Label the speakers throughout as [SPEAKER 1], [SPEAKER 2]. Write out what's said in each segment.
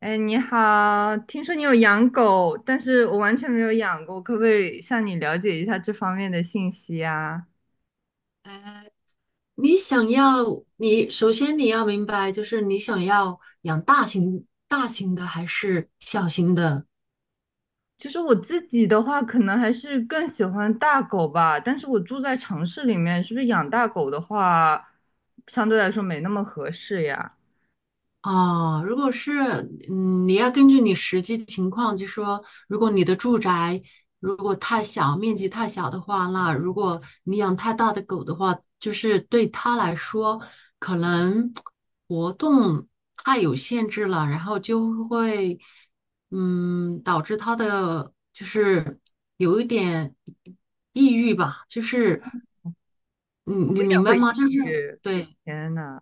[SPEAKER 1] 哎，你好，听说你有养狗，但是我完全没有养过，可不可以向你了解一下这方面的信息啊？
[SPEAKER 2] 呃，你想要，你首先你要明白，就是你想要养大型的还是小型的。
[SPEAKER 1] 其实我自己的话，可能还是更喜欢大狗吧，但是我住在城市里面，是不是养大狗的话，相对来说没那么合适呀？
[SPEAKER 2] 哦，如果是，你要根据你实际情况，就说，如果你的住宅如果太小，面积太小的话，那如果你养太大的狗的话，就是对它来说，可能活动太有限制了，然后就会，导致它的就是有一点抑郁吧，就是你
[SPEAKER 1] 也
[SPEAKER 2] 明白
[SPEAKER 1] 会抑
[SPEAKER 2] 吗？就是。
[SPEAKER 1] 郁。
[SPEAKER 2] 对，
[SPEAKER 1] 天呐，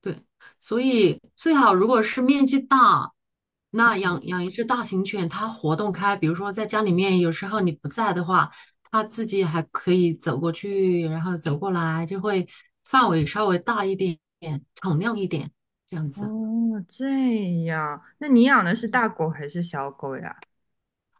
[SPEAKER 2] 对，所以最好如果是面积大，那
[SPEAKER 1] 嗯。
[SPEAKER 2] 养一只大型犬，它活动开，比如说在家里面，有时候你不在的话，它自己还可以走过去，然后走过来，就会范围稍微大一点，敞亮一点，这样子。
[SPEAKER 1] 哦，这样，那你养的是
[SPEAKER 2] 嗯，
[SPEAKER 1] 大狗还是小狗呀？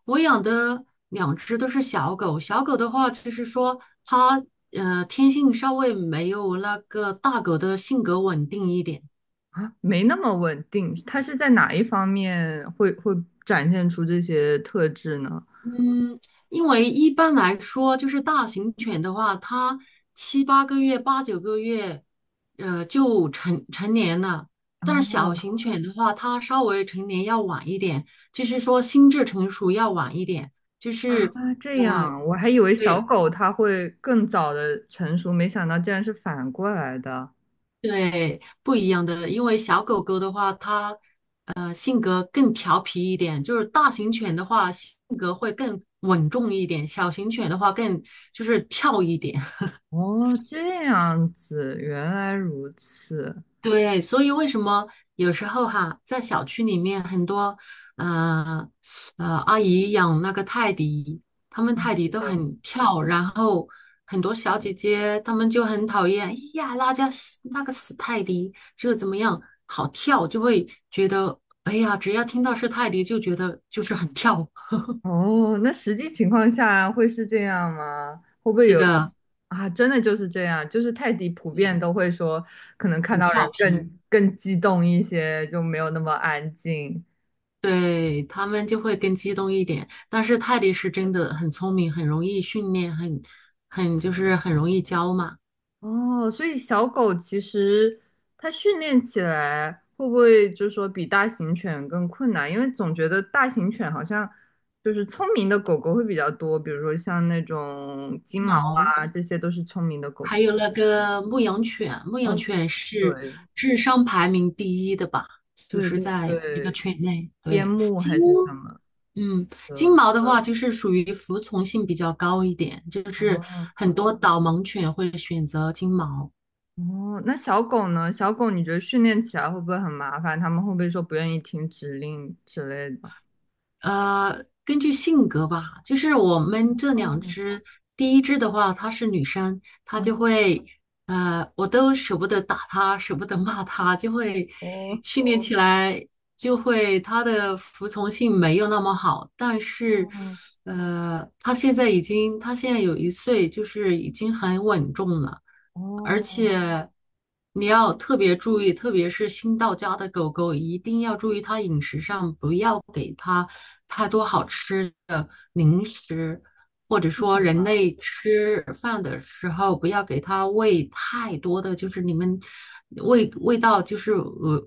[SPEAKER 2] 我养的两只都是小狗，小狗的话就是说它天性稍微没有那个大狗的性格稳定一点。
[SPEAKER 1] 啊，没那么稳定，它是在哪一方面会展现出这些特质呢？
[SPEAKER 2] 嗯，因为一般来说，就是大型犬的话，它7、8个月、8、9个月，就成年了。但是小
[SPEAKER 1] 哦，
[SPEAKER 2] 型犬的话，它稍微成年要晚一点，就是说心智成熟要晚一点，就
[SPEAKER 1] 啊，
[SPEAKER 2] 是
[SPEAKER 1] 这
[SPEAKER 2] 呃，
[SPEAKER 1] 样，我还以为小
[SPEAKER 2] 对
[SPEAKER 1] 狗它会更早的成熟，没想到竟然是反过来的。
[SPEAKER 2] 对，不一样的。因为小狗狗的话，它性格更调皮一点，就是大型犬的话性格会更稳重一点，小型犬的话更就是跳一点。
[SPEAKER 1] 哦，这样子，原来如此。
[SPEAKER 2] 对，所以为什么有时候哈，在小区里面很多呃阿姨养那个泰迪，他们
[SPEAKER 1] 哦
[SPEAKER 2] 泰迪
[SPEAKER 1] 是
[SPEAKER 2] 都
[SPEAKER 1] 的。
[SPEAKER 2] 很跳，然后很多小姐姐她们就很讨厌，哎呀，那家死那个死泰迪就怎么样，好跳，就会觉得哎呀，只要听到是泰迪就觉得就是很跳，
[SPEAKER 1] 哦，那实际情况下会是这样吗？会不 会
[SPEAKER 2] 是
[SPEAKER 1] 有
[SPEAKER 2] 的，
[SPEAKER 1] 啊？真的就是这样，就是泰迪普遍都会说，可能看
[SPEAKER 2] 很
[SPEAKER 1] 到人
[SPEAKER 2] 调皮。
[SPEAKER 1] 更激动一些，就没有那么安静。
[SPEAKER 2] 对，他们就会更激动一点，但是泰迪是真的很聪明，很容易训练，很就是很容易教嘛。
[SPEAKER 1] 哦，所以小狗其实它训练起来会不会就是说比大型犬更困难？因为总觉得大型犬好像就是聪明的狗狗会比较多，比如说像那种
[SPEAKER 2] 金
[SPEAKER 1] 金毛
[SPEAKER 2] 毛，
[SPEAKER 1] 啊，这些都是聪明的狗
[SPEAKER 2] 还
[SPEAKER 1] 狗。
[SPEAKER 2] 有那个牧羊犬，牧羊
[SPEAKER 1] 哦，
[SPEAKER 2] 犬是
[SPEAKER 1] 对
[SPEAKER 2] 智商排名第一的吧？就
[SPEAKER 1] 对
[SPEAKER 2] 是
[SPEAKER 1] 对
[SPEAKER 2] 在一个
[SPEAKER 1] 对，
[SPEAKER 2] 犬类。
[SPEAKER 1] 边
[SPEAKER 2] 对，
[SPEAKER 1] 牧
[SPEAKER 2] 金，
[SPEAKER 1] 还是什么
[SPEAKER 2] 嗯，金
[SPEAKER 1] 的。
[SPEAKER 2] 毛的话就是属于服从性比较高一点，就是
[SPEAKER 1] 哦
[SPEAKER 2] 很多导盲犬会选择金毛。
[SPEAKER 1] 哦，那小狗呢？小狗你觉得训练起来会不会很麻烦？它们会不会说不愿意听指令之类的？
[SPEAKER 2] 根据性格吧，就是我们这两
[SPEAKER 1] 哦，
[SPEAKER 2] 只，第一只的话，它是女生，它就会，我都舍不得打它，舍不得骂它，就会
[SPEAKER 1] 哦
[SPEAKER 2] 训练起来，就会它的服从性没有那么好，但是，
[SPEAKER 1] 哦。
[SPEAKER 2] 它现在已经，它现在有1岁，就是已经很稳重了。而
[SPEAKER 1] 哦，
[SPEAKER 2] 且你要特别注意，特别是新到家的狗狗，一定要注意它饮食上，不要给它太多好吃的零食，或者
[SPEAKER 1] 是
[SPEAKER 2] 说
[SPEAKER 1] 什么？
[SPEAKER 2] 人类吃饭的时候，不要给它喂太多的，就是你们味道就是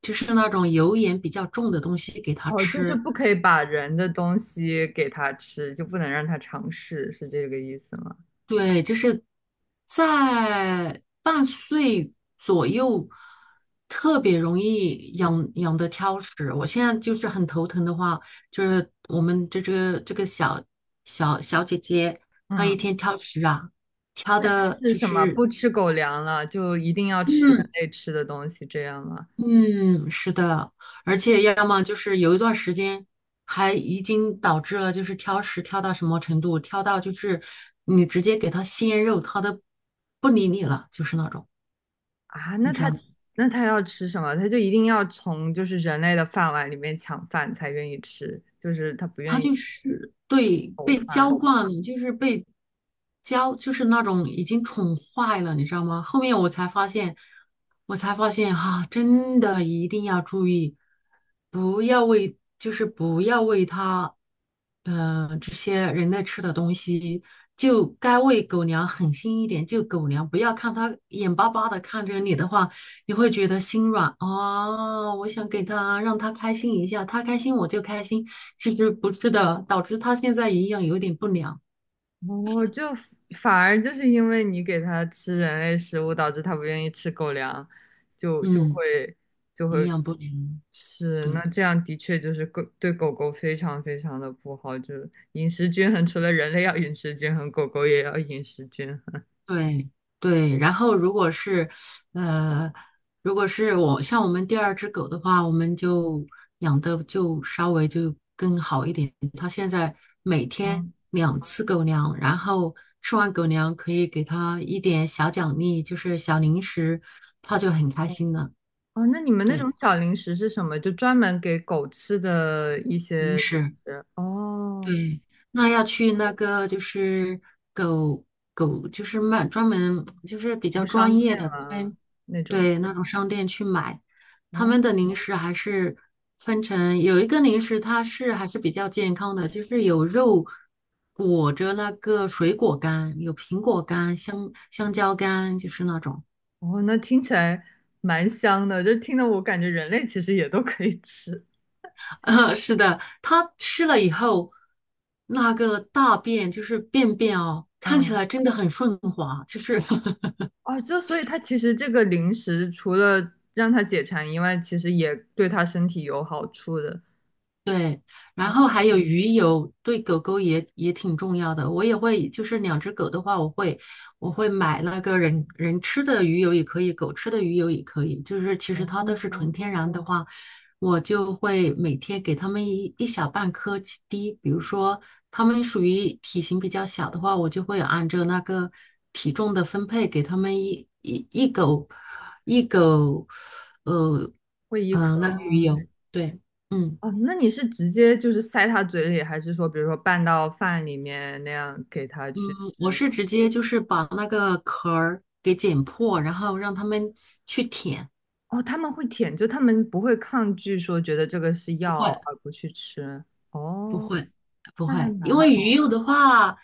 [SPEAKER 2] 就是那种油盐比较重的东西给它
[SPEAKER 1] 哦，就是
[SPEAKER 2] 吃，
[SPEAKER 1] 不可以把人的东西给他吃，就不能让他尝试，是这个意思吗？
[SPEAKER 2] 对，就是在半岁左右，特别容易养的挑食。我现在就是很头疼的话，就是我们这个小姐姐，她一
[SPEAKER 1] 嗯，
[SPEAKER 2] 天挑食啊，挑
[SPEAKER 1] 它
[SPEAKER 2] 的
[SPEAKER 1] 是
[SPEAKER 2] 就
[SPEAKER 1] 什么？
[SPEAKER 2] 是。
[SPEAKER 1] 不吃狗粮了，就一定要吃人
[SPEAKER 2] 嗯，
[SPEAKER 1] 类吃的东西，这样吗？
[SPEAKER 2] 嗯，是的，而且要么就是有一段时间，还已经导致了就是挑食挑到什么程度，挑到就是你直接给他鲜肉，他都不理你了，就是那种，
[SPEAKER 1] 啊，那
[SPEAKER 2] 你知
[SPEAKER 1] 它
[SPEAKER 2] 道吗？
[SPEAKER 1] 那它要吃什么？它就一定要从就是人类的饭碗里面抢饭才愿意吃，就是它不
[SPEAKER 2] 他
[SPEAKER 1] 愿意。
[SPEAKER 2] 就是对
[SPEAKER 1] 狗
[SPEAKER 2] 被娇
[SPEAKER 1] 饭。
[SPEAKER 2] 惯了，就是被娇，就是那种已经宠坏了，你知道吗？后面我才发现，我才发现哈、真的一定要注意，不要喂，就是不要喂它，这些人类吃的东西，就该喂狗粮，狠心一点，就狗粮，不要看它眼巴巴的看着你的话，你会觉得心软啊，我想给它，让它开心一下，它开心我就开心。其实不是的，导致它现在营养有点不良。
[SPEAKER 1] 哦，就反而就是因为你给它吃人类食物，导致它不愿意吃狗粮，就就
[SPEAKER 2] 嗯，
[SPEAKER 1] 会就
[SPEAKER 2] 营
[SPEAKER 1] 会
[SPEAKER 2] 养不良，
[SPEAKER 1] 是，那
[SPEAKER 2] 对
[SPEAKER 1] 这样的确就是狗对狗狗非常非常的不好，就是饮食均衡，除了人类要饮食均衡，狗狗也要饮食均衡。
[SPEAKER 2] 对对。然后如果是呃，如果是我像我们第二只狗的话，我们就养的就稍微就更好一点。它现在每天
[SPEAKER 1] 哦
[SPEAKER 2] 2次狗粮，然后吃完狗粮可以给它一点小奖励，就是小零食，它就很开
[SPEAKER 1] 哦，
[SPEAKER 2] 心了。
[SPEAKER 1] 哦那你们那种
[SPEAKER 2] 对，
[SPEAKER 1] 小零食是什么？就专门给狗吃的一
[SPEAKER 2] 零
[SPEAKER 1] 些零
[SPEAKER 2] 食。
[SPEAKER 1] 食？哦，
[SPEAKER 2] 对，那
[SPEAKER 1] 是
[SPEAKER 2] 要去那个就是狗狗，就是卖专门就是比较
[SPEAKER 1] 物商
[SPEAKER 2] 专业
[SPEAKER 1] 店
[SPEAKER 2] 的，
[SPEAKER 1] 啊
[SPEAKER 2] 分，
[SPEAKER 1] 那种？
[SPEAKER 2] 对那种商店去买，他
[SPEAKER 1] 哦。
[SPEAKER 2] 们的零食还是分成有一个零食它是还是比较健康的，就是有肉裹着那个水果干，有苹果干、香蕉干，就是那种。
[SPEAKER 1] 哦，那听起来蛮香的，就听得我感觉人类其实也都可以吃。
[SPEAKER 2] 是的，它吃了以后，那个大便就是便便哦，看起
[SPEAKER 1] 嗯，
[SPEAKER 2] 来真的很顺滑，就是
[SPEAKER 1] 哦，就所以它其实这个零食除了让它解馋以外，其实也对它身体有好处的。
[SPEAKER 2] 对，然后还有
[SPEAKER 1] 哦
[SPEAKER 2] 鱼油，对狗狗也挺重要的。我也会，就是两只狗的话，我会买那个人吃的鱼油也可以，狗吃的鱼油也可以。就是其实
[SPEAKER 1] 哦，
[SPEAKER 2] 它都是纯天然的话，我就会每天给它们一小半颗起滴。比如说它们属于体型比较小的话，我就会按照那个体重的分配给它们一狗一狗，呃
[SPEAKER 1] 会一
[SPEAKER 2] 那
[SPEAKER 1] 壳
[SPEAKER 2] 个鱼
[SPEAKER 1] 吗？
[SPEAKER 2] 油，对。嗯。
[SPEAKER 1] 哦，那你是直接就是塞它嘴里，还是说比如说拌到饭里面那样给它去吃
[SPEAKER 2] 嗯，我是
[SPEAKER 1] 呢？
[SPEAKER 2] 直接就是把那个壳儿给剪破，然后让他们去舔。
[SPEAKER 1] 哦，他们会舔，就他们不会抗拒说觉得这个是
[SPEAKER 2] 不
[SPEAKER 1] 药
[SPEAKER 2] 会，
[SPEAKER 1] 而不去吃。
[SPEAKER 2] 不
[SPEAKER 1] 哦，
[SPEAKER 2] 会，不
[SPEAKER 1] 那还
[SPEAKER 2] 会，因
[SPEAKER 1] 蛮
[SPEAKER 2] 为
[SPEAKER 1] 好。
[SPEAKER 2] 鱼肉的话，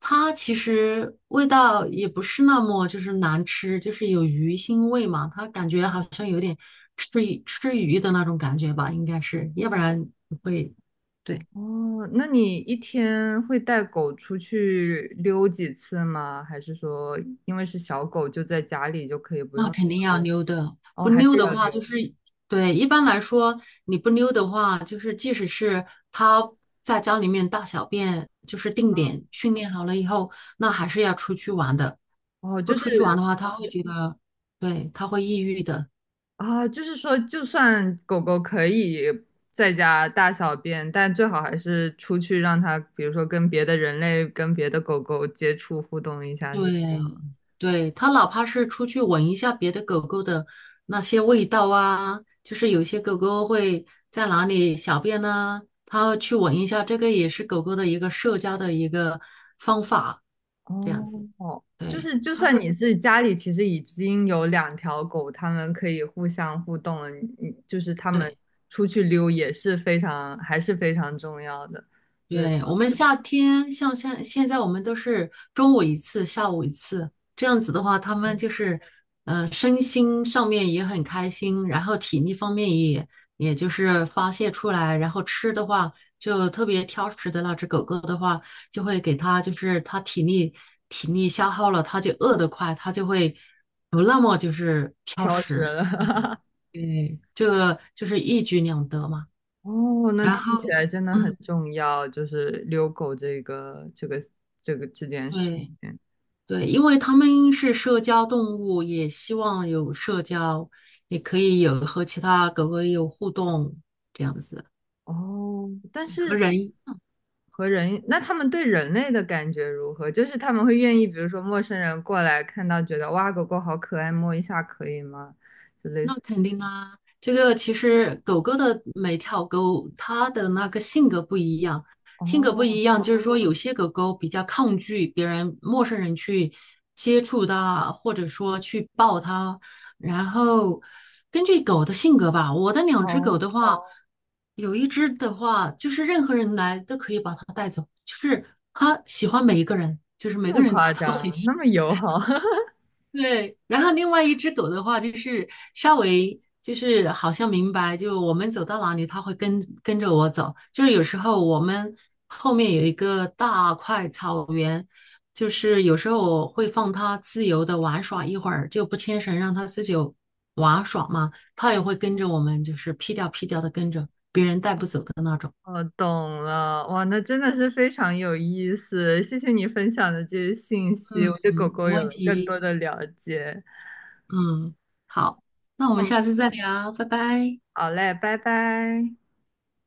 [SPEAKER 2] 它其实味道也不是那么就是难吃，就是有鱼腥味嘛，它感觉好像有点吃鱼吃鱼的那种感觉吧，应该是，要不然不会。对。
[SPEAKER 1] 哦，那你一天会带狗出去溜几次吗？还是说，因为是小狗，就在家里就可以不
[SPEAKER 2] 那
[SPEAKER 1] 用
[SPEAKER 2] 肯定
[SPEAKER 1] 溜
[SPEAKER 2] 要
[SPEAKER 1] 了？
[SPEAKER 2] 溜的，
[SPEAKER 1] 哦，
[SPEAKER 2] 不
[SPEAKER 1] 还
[SPEAKER 2] 溜
[SPEAKER 1] 是
[SPEAKER 2] 的
[SPEAKER 1] 要
[SPEAKER 2] 话就
[SPEAKER 1] 溜。
[SPEAKER 2] 是，对，一般来说你不溜的话，就是即使是它在家里面大小便，就是定点训练好了以后，那还是要出去玩的。
[SPEAKER 1] 哦，
[SPEAKER 2] 不
[SPEAKER 1] 就是
[SPEAKER 2] 出去玩的话，他会觉得，对，他会抑郁的。
[SPEAKER 1] 啊，就是说，就算狗狗可以在家大小便，但最好还是出去让它，比如说跟别的人类、跟别的狗狗接触互动一下，是这
[SPEAKER 2] 对，
[SPEAKER 1] 样。
[SPEAKER 2] 对，它哪怕是出去闻一下别的狗狗的那些味道啊，就是有些狗狗会在哪里小便呢、它去闻一下，这个也是狗狗的一个社交的一个方法。这样子，
[SPEAKER 1] 哦，就
[SPEAKER 2] 对，
[SPEAKER 1] 是就
[SPEAKER 2] 它
[SPEAKER 1] 算
[SPEAKER 2] 会，
[SPEAKER 1] 你是家里其实已经有两条狗，它们可以互相互动了，你就是它
[SPEAKER 2] 对，
[SPEAKER 1] 们出去溜也是非常还是非常重要的，对，
[SPEAKER 2] 对，我们夏天像现在我们都是中午1次，下午1次，这样子的话，他们
[SPEAKER 1] 嗯
[SPEAKER 2] 就是，身心上面也很开心，然后体力方面也就是发泄出来，然后吃的话就特别挑食的那只狗狗的话，就会给它就是它体力消耗了，它就饿得快，它就会不那么就是挑
[SPEAKER 1] 挑食
[SPEAKER 2] 食，
[SPEAKER 1] 了，
[SPEAKER 2] 对，这个就是一举两得嘛，
[SPEAKER 1] 哦，那
[SPEAKER 2] 然
[SPEAKER 1] 听起
[SPEAKER 2] 后。
[SPEAKER 1] 来真的很
[SPEAKER 2] 嗯。
[SPEAKER 1] 重要，就是遛狗这个这件事
[SPEAKER 2] 对
[SPEAKER 1] 情。
[SPEAKER 2] 对，因为它们是社交动物，也希望有社交，也可以有和其他狗狗有互动，这样子
[SPEAKER 1] 哦，但
[SPEAKER 2] 和
[SPEAKER 1] 是
[SPEAKER 2] 人
[SPEAKER 1] 和人，那他们对人类的感觉如何？就是他们会愿意，比如说陌生人过来看到，觉得哇，狗狗好可爱，摸一下可以吗？就类
[SPEAKER 2] 那
[SPEAKER 1] 似，
[SPEAKER 2] 肯定啊，这个其实狗狗的每条狗它的那个性格不一样，性格不
[SPEAKER 1] 哦
[SPEAKER 2] 一样，就是说有些狗狗比较抗拒别人、陌生人去接触它，或者说去抱它。然后根据狗的性格吧，我的两只狗
[SPEAKER 1] 哦，
[SPEAKER 2] 的话，哦有一只的话就是任何人来都可以把它带走，就是它喜欢每一个人，就是每
[SPEAKER 1] 那
[SPEAKER 2] 个
[SPEAKER 1] 么
[SPEAKER 2] 人它
[SPEAKER 1] 夸
[SPEAKER 2] 都 很
[SPEAKER 1] 张，
[SPEAKER 2] 喜
[SPEAKER 1] 那
[SPEAKER 2] 欢。
[SPEAKER 1] 么友好，
[SPEAKER 2] 对，然后另外一只狗的话，就是稍微就是好像明白，就我们走到哪里，它会跟着我走。就是有时候我们后面有一个大块草原，就是有时候我会放它自由的玩耍一会儿，就不牵绳让它自己玩耍嘛，它也会跟着我们，就是屁颠儿屁颠儿的跟着，别人带不走的那种。
[SPEAKER 1] 我懂了，哇，那真的是非常有意思，谢谢你分享的这些信息，我对狗
[SPEAKER 2] 嗯，
[SPEAKER 1] 狗
[SPEAKER 2] 没
[SPEAKER 1] 有
[SPEAKER 2] 问
[SPEAKER 1] 了更多
[SPEAKER 2] 题。
[SPEAKER 1] 的了解。
[SPEAKER 2] 嗯，好，那我们
[SPEAKER 1] 嗯，
[SPEAKER 2] 下次再聊，拜拜。
[SPEAKER 1] 好嘞，拜拜。